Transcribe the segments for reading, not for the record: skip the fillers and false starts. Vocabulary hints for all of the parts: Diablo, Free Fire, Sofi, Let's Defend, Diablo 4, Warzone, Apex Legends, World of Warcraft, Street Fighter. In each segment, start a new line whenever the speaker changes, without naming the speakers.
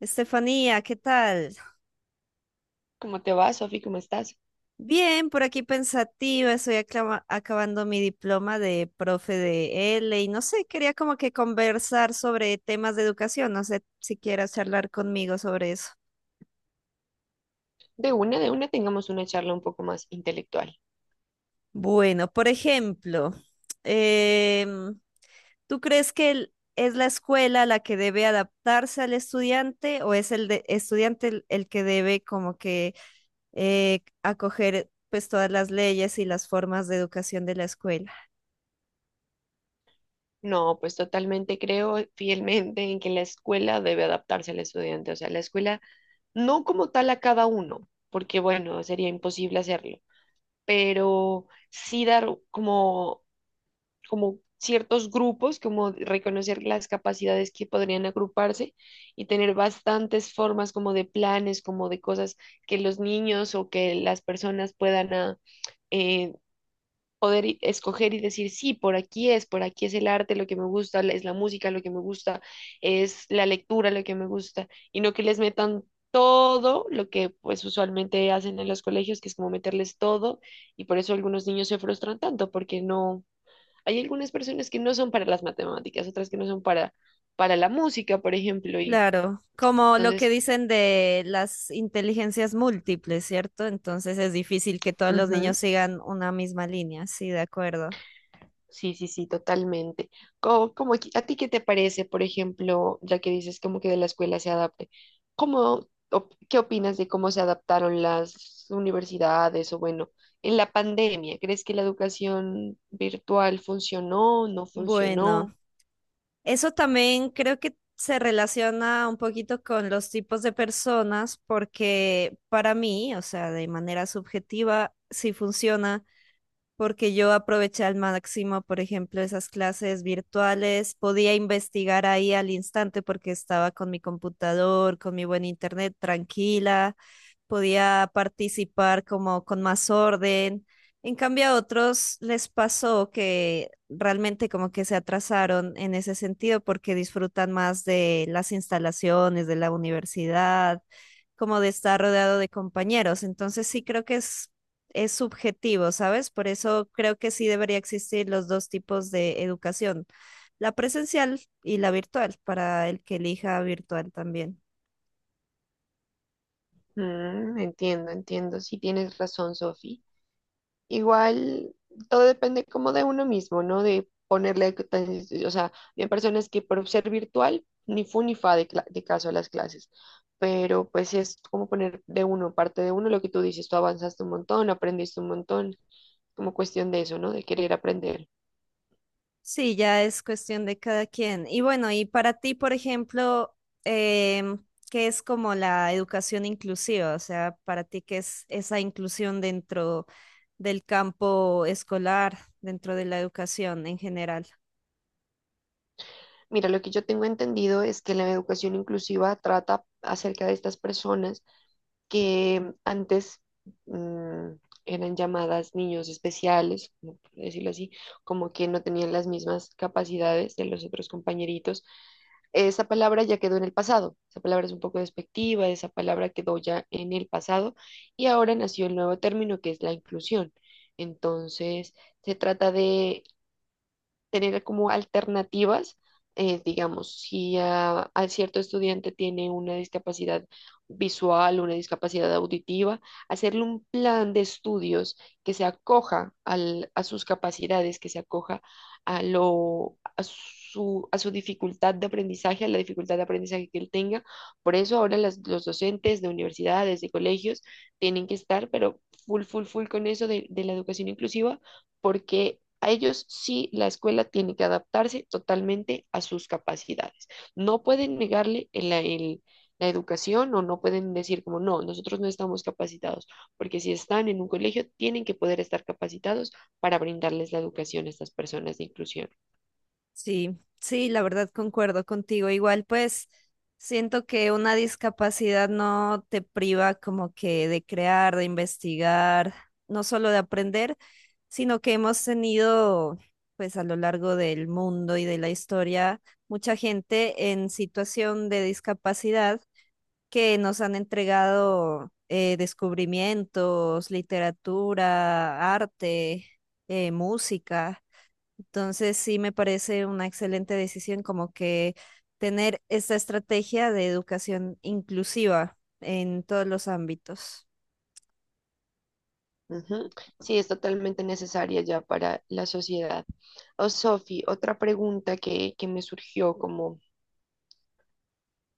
Estefanía, ¿qué tal?
¿Cómo te va, Sofi? ¿Cómo estás?
Bien, por aquí pensativa, estoy acabando mi diploma de profe de L y no sé, quería como que conversar sobre temas de educación, no sé si quieras charlar conmigo sobre eso.
De una, tengamos una charla un poco más intelectual.
Bueno, por ejemplo, em, ¿tú crees que es la escuela la que debe adaptarse al estudiante o es estudiante el que debe como que acoger pues todas las leyes y las formas de educación de la escuela?
No, pues totalmente creo fielmente en que la escuela debe adaptarse al estudiante, o sea, la escuela no como tal a cada uno, porque bueno, sería imposible hacerlo, pero sí dar como, como ciertos grupos, como reconocer las capacidades que podrían agruparse y tener bastantes formas como de planes, como de cosas que los niños o que las personas puedan... eh, poder escoger y decir, sí, por aquí es el arte lo que me gusta, es la música lo que me gusta, es la lectura lo que me gusta, y no que les metan todo lo que pues usualmente hacen en los colegios, que es como meterles todo, y por eso algunos niños se frustran tanto, porque no, hay algunas personas que no son para las matemáticas, otras que no son para la música, por ejemplo, y
Claro, como lo que
entonces...
dicen de las inteligencias múltiples, ¿cierto? Entonces es difícil que todos los niños sigan una misma línea, sí, de acuerdo.
Sí, sí, sí, totalmente. Como, a ti qué te parece, por ejemplo, ya que dices como que de la escuela se adapte, ¿cómo, qué opinas de cómo se adaptaron las universidades o bueno, en la pandemia? ¿Crees que la educación virtual funcionó, no funcionó?
Bueno, eso también creo que se relaciona un poquito con los tipos de personas, porque para mí, o sea, de manera subjetiva, sí funciona porque yo aproveché al máximo, por ejemplo, esas clases virtuales, podía investigar ahí al instante porque estaba con mi computador, con mi buen internet tranquila, podía participar como con más orden. En cambio, a otros les pasó que realmente como que se atrasaron en ese sentido porque disfrutan más de las instalaciones de la universidad, como de estar rodeado de compañeros. Entonces sí creo que es subjetivo, ¿sabes? Por eso creo que sí debería existir los dos tipos de educación, la presencial y la virtual, para el que elija virtual también.
Mm, entiendo, entiendo. Sí, tienes razón, Sofi. Igual, todo depende como de uno mismo, ¿no? De ponerle, o sea, hay personas que por ser virtual, ni fu ni fa de, de caso a las clases, pero pues sí es como poner de uno, parte de uno, lo que tú dices, tú avanzaste un montón, aprendiste un montón, como cuestión de eso, ¿no? De querer aprender.
Sí, ya es cuestión de cada quien. Y bueno, y para ti, por ejemplo, em, ¿qué es como la educación inclusiva? O sea, para ti, ¿qué es esa inclusión dentro del campo escolar, dentro de la educación en general?
Mira, lo que yo tengo entendido es que la educación inclusiva trata acerca de estas personas que antes mmm, eran llamadas niños especiales, como por decirlo así, como que no tenían las mismas capacidades de los otros compañeritos. Esa palabra ya quedó en el pasado, esa palabra es un poco despectiva, esa palabra quedó ya en el pasado y ahora nació el nuevo término que es la inclusión. Entonces, se trata de tener como alternativas, digamos, si a cierto estudiante tiene una discapacidad visual, una discapacidad auditiva, hacerle un plan de estudios que se acoja a sus capacidades, que se acoja a a su dificultad de aprendizaje, a la dificultad de aprendizaje que él tenga. Por eso ahora los docentes de universidades, de colegios, tienen que estar, pero full, full, full con eso de la educación inclusiva porque a ellos sí la escuela tiene que adaptarse totalmente a sus capacidades. No pueden negarle la educación o no pueden decir como, no, nosotros no estamos capacitados, porque si están en un colegio, tienen que poder estar capacitados para brindarles la educación a estas personas de inclusión.
Sí, sí, la verdad concuerdo contigo. Igual, pues siento que una discapacidad no te priva como que de crear, de investigar, no solo de aprender, sino que hemos tenido, pues a lo largo del mundo y de la historia, mucha gente en situación de discapacidad que nos han entregado descubrimientos, literatura, arte, música. Entonces sí me parece una excelente decisión como que tener esta estrategia de educación inclusiva en todos los ámbitos.
Ujú. Sí, es totalmente necesaria ya para la sociedad. Oh, Sofi, otra pregunta que me surgió como,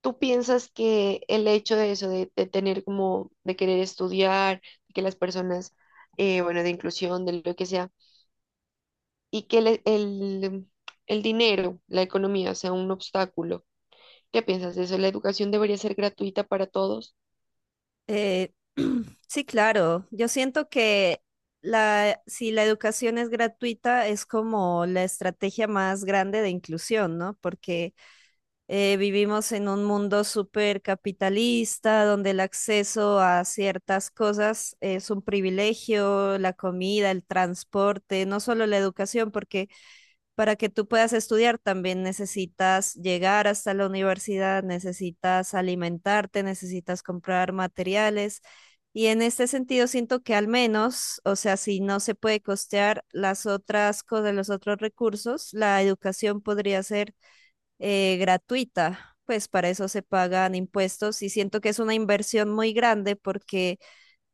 ¿tú piensas que el hecho de eso, de tener como, de querer estudiar, de que las personas, bueno, de inclusión, de lo que sea, y que el dinero, la economía sea un obstáculo? ¿Qué piensas de eso? ¿La educación debería ser gratuita para todos?
Eh, sí, claro, yo siento que si la educación es gratuita es como la estrategia más grande de inclusión, ¿no? Porque vivimos en un mundo súper capitalista, donde el acceso a ciertas cosas es un privilegio, la comida, el transporte, no solo la educación, porque para que tú puedas estudiar también necesitas llegar hasta la universidad, necesitas alimentarte, necesitas comprar materiales. Y en este sentido siento que al menos, o sea, si no se puede costear las otras cosas, los otros recursos, la educación podría ser gratuita, pues para eso se pagan impuestos y siento que es una inversión muy grande porque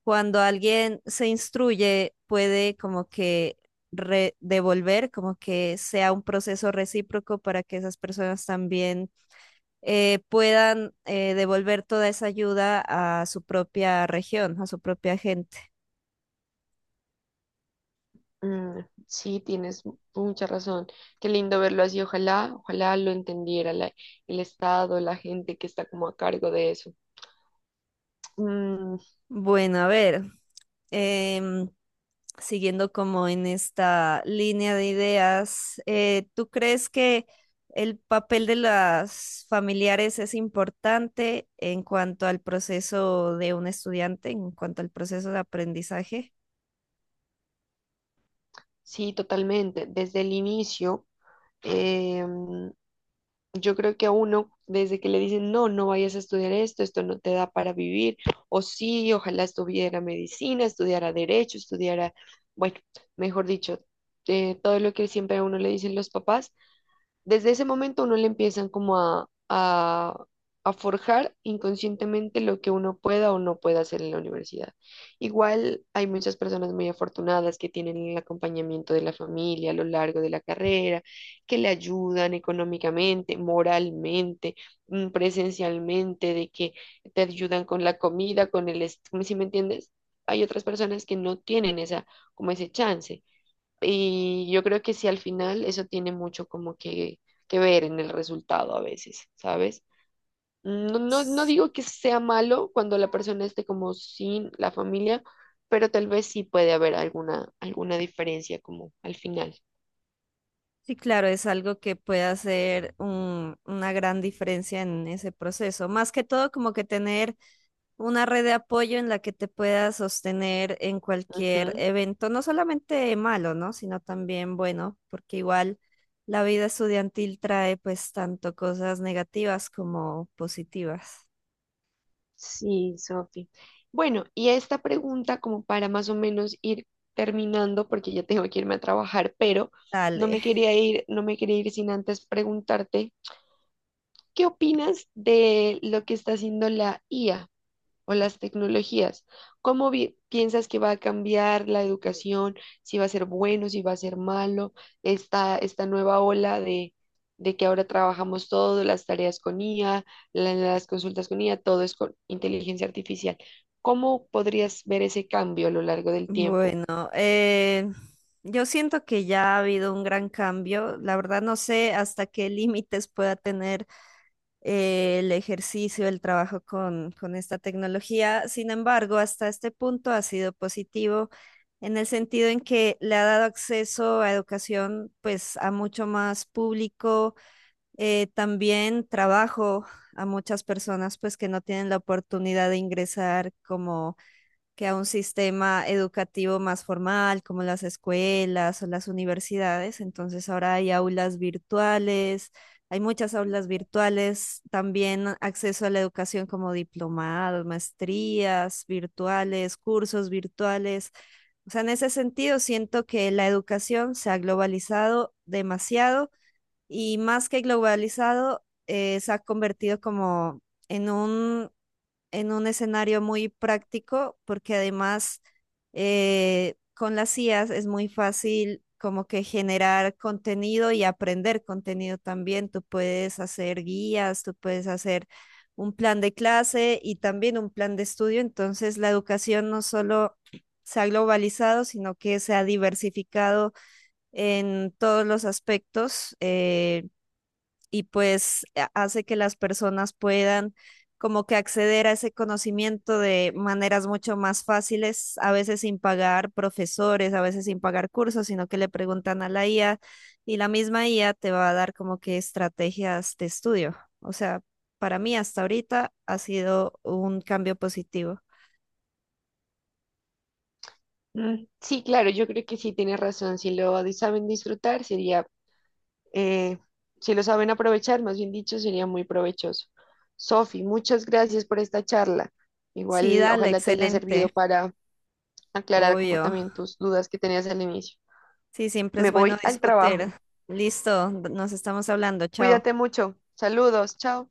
cuando alguien se instruye puede como que devolver, como que sea un proceso recíproco para que esas personas también puedan devolver toda esa ayuda a su propia región, a su propia gente.
Mm, sí, tienes mucha razón. Qué lindo verlo así. Ojalá, ojalá lo entendiera el Estado, la gente que está como a cargo de eso. Mm,
Bueno, a ver. em, Siguiendo como en esta línea de ideas, ¿tú crees que el papel de las familiares es importante en cuanto al proceso de un estudiante, en cuanto al proceso de aprendizaje?
sí, totalmente. Desde el inicio. Yo creo que a uno, desde que le dicen, no, no vayas a estudiar esto, esto no te da para vivir, o sí, ojalá estuviera medicina, estudiara derecho, estudiara, bueno, mejor dicho, todo lo que siempre a uno le dicen los papás, desde ese momento a uno le empiezan como a forjar inconscientemente lo que uno pueda o no pueda hacer en la universidad. Igual hay muchas personas muy afortunadas que tienen el acompañamiento de la familia a lo largo de la carrera, que le ayudan económicamente, moralmente, mm, presencialmente, de que te ayudan con la comida, con el, ¿sí me entiendes? Hay otras personas que no tienen esa, como ese chance. Y yo creo que sí, al final eso tiene mucho como que ver en el resultado a veces, ¿sabes? No digo que sea malo cuando la persona esté como sin la familia, pero tal vez sí puede haber alguna, alguna diferencia como al final.
Sí, claro, es algo que puede hacer una gran diferencia en ese proceso. Más que todo, como que tener una red de apoyo en la que te puedas sostener en cualquier
Ujú.
evento, no solamente malo, ¿no? Sino también bueno, porque igual la vida estudiantil trae pues tanto cosas negativas como positivas.
Sí, Sofi. Bueno, y esta pregunta como para más o menos ir terminando, porque ya tengo que irme a trabajar, pero
Dale.
no me quería ir sin antes preguntarte. ¿Qué opinas de lo que está haciendo la IA o las tecnologías? ¿Cómo piensas que va a cambiar la educación? ¿Si va a ser bueno, si va a ser malo? Esta nueva ola de que ahora trabajamos todo, las tareas con IA, las consultas con IA, todo es con inteligencia artificial. ¿Cómo podrías ver ese cambio a lo largo del tiempo?
Bueno, eh, yo siento que ya ha habido un gran cambio. La verdad no sé hasta qué límites pueda tener el ejercicio, el trabajo con esta tecnología. Sin embargo, hasta este punto ha sido positivo en el sentido en que le ha dado acceso a educación pues a mucho más público, también trabajo a muchas personas pues que no tienen la oportunidad de ingresar como que a un sistema educativo más formal, como las escuelas o las universidades. Entonces ahora hay aulas virtuales, hay muchas aulas virtuales, también acceso a la educación como diplomados, maestrías virtuales, cursos virtuales. O sea, en ese sentido siento que la educación se ha globalizado demasiado y más que globalizado, se ha convertido como en un en un escenario muy práctico, porque además con las IAs es muy fácil como que generar contenido y aprender contenido también. Tú puedes hacer guías, tú puedes hacer un plan de clase y también un plan de estudio. Entonces la educación no solo se ha globalizado, sino que se ha diversificado en todos los aspectos. Y pues hace que las personas puedan como que acceder a ese conocimiento de maneras mucho más fáciles, a veces sin pagar profesores, a veces sin pagar cursos, sino que le preguntan a la IA y la misma IA te va a dar como que estrategias de estudio. O sea, para mí hasta ahorita ha sido un cambio positivo.
Mm, sí, claro, yo creo que sí tienes razón. Si lo saben disfrutar, sería... Eh, si lo saben aprovechar, más bien dicho, sería muy provechoso. Sofi, muchas gracias por esta charla.
Sí,
Igual,
dale,
ojalá te haya servido
excelente,
para aclarar como
obvio.
también tus dudas que tenías al inicio.
Sí, siempre es
Me
bueno
voy al trabajo.
discutir. Listo, nos estamos hablando, chao.
Cuídate mucho. Saludos, chao.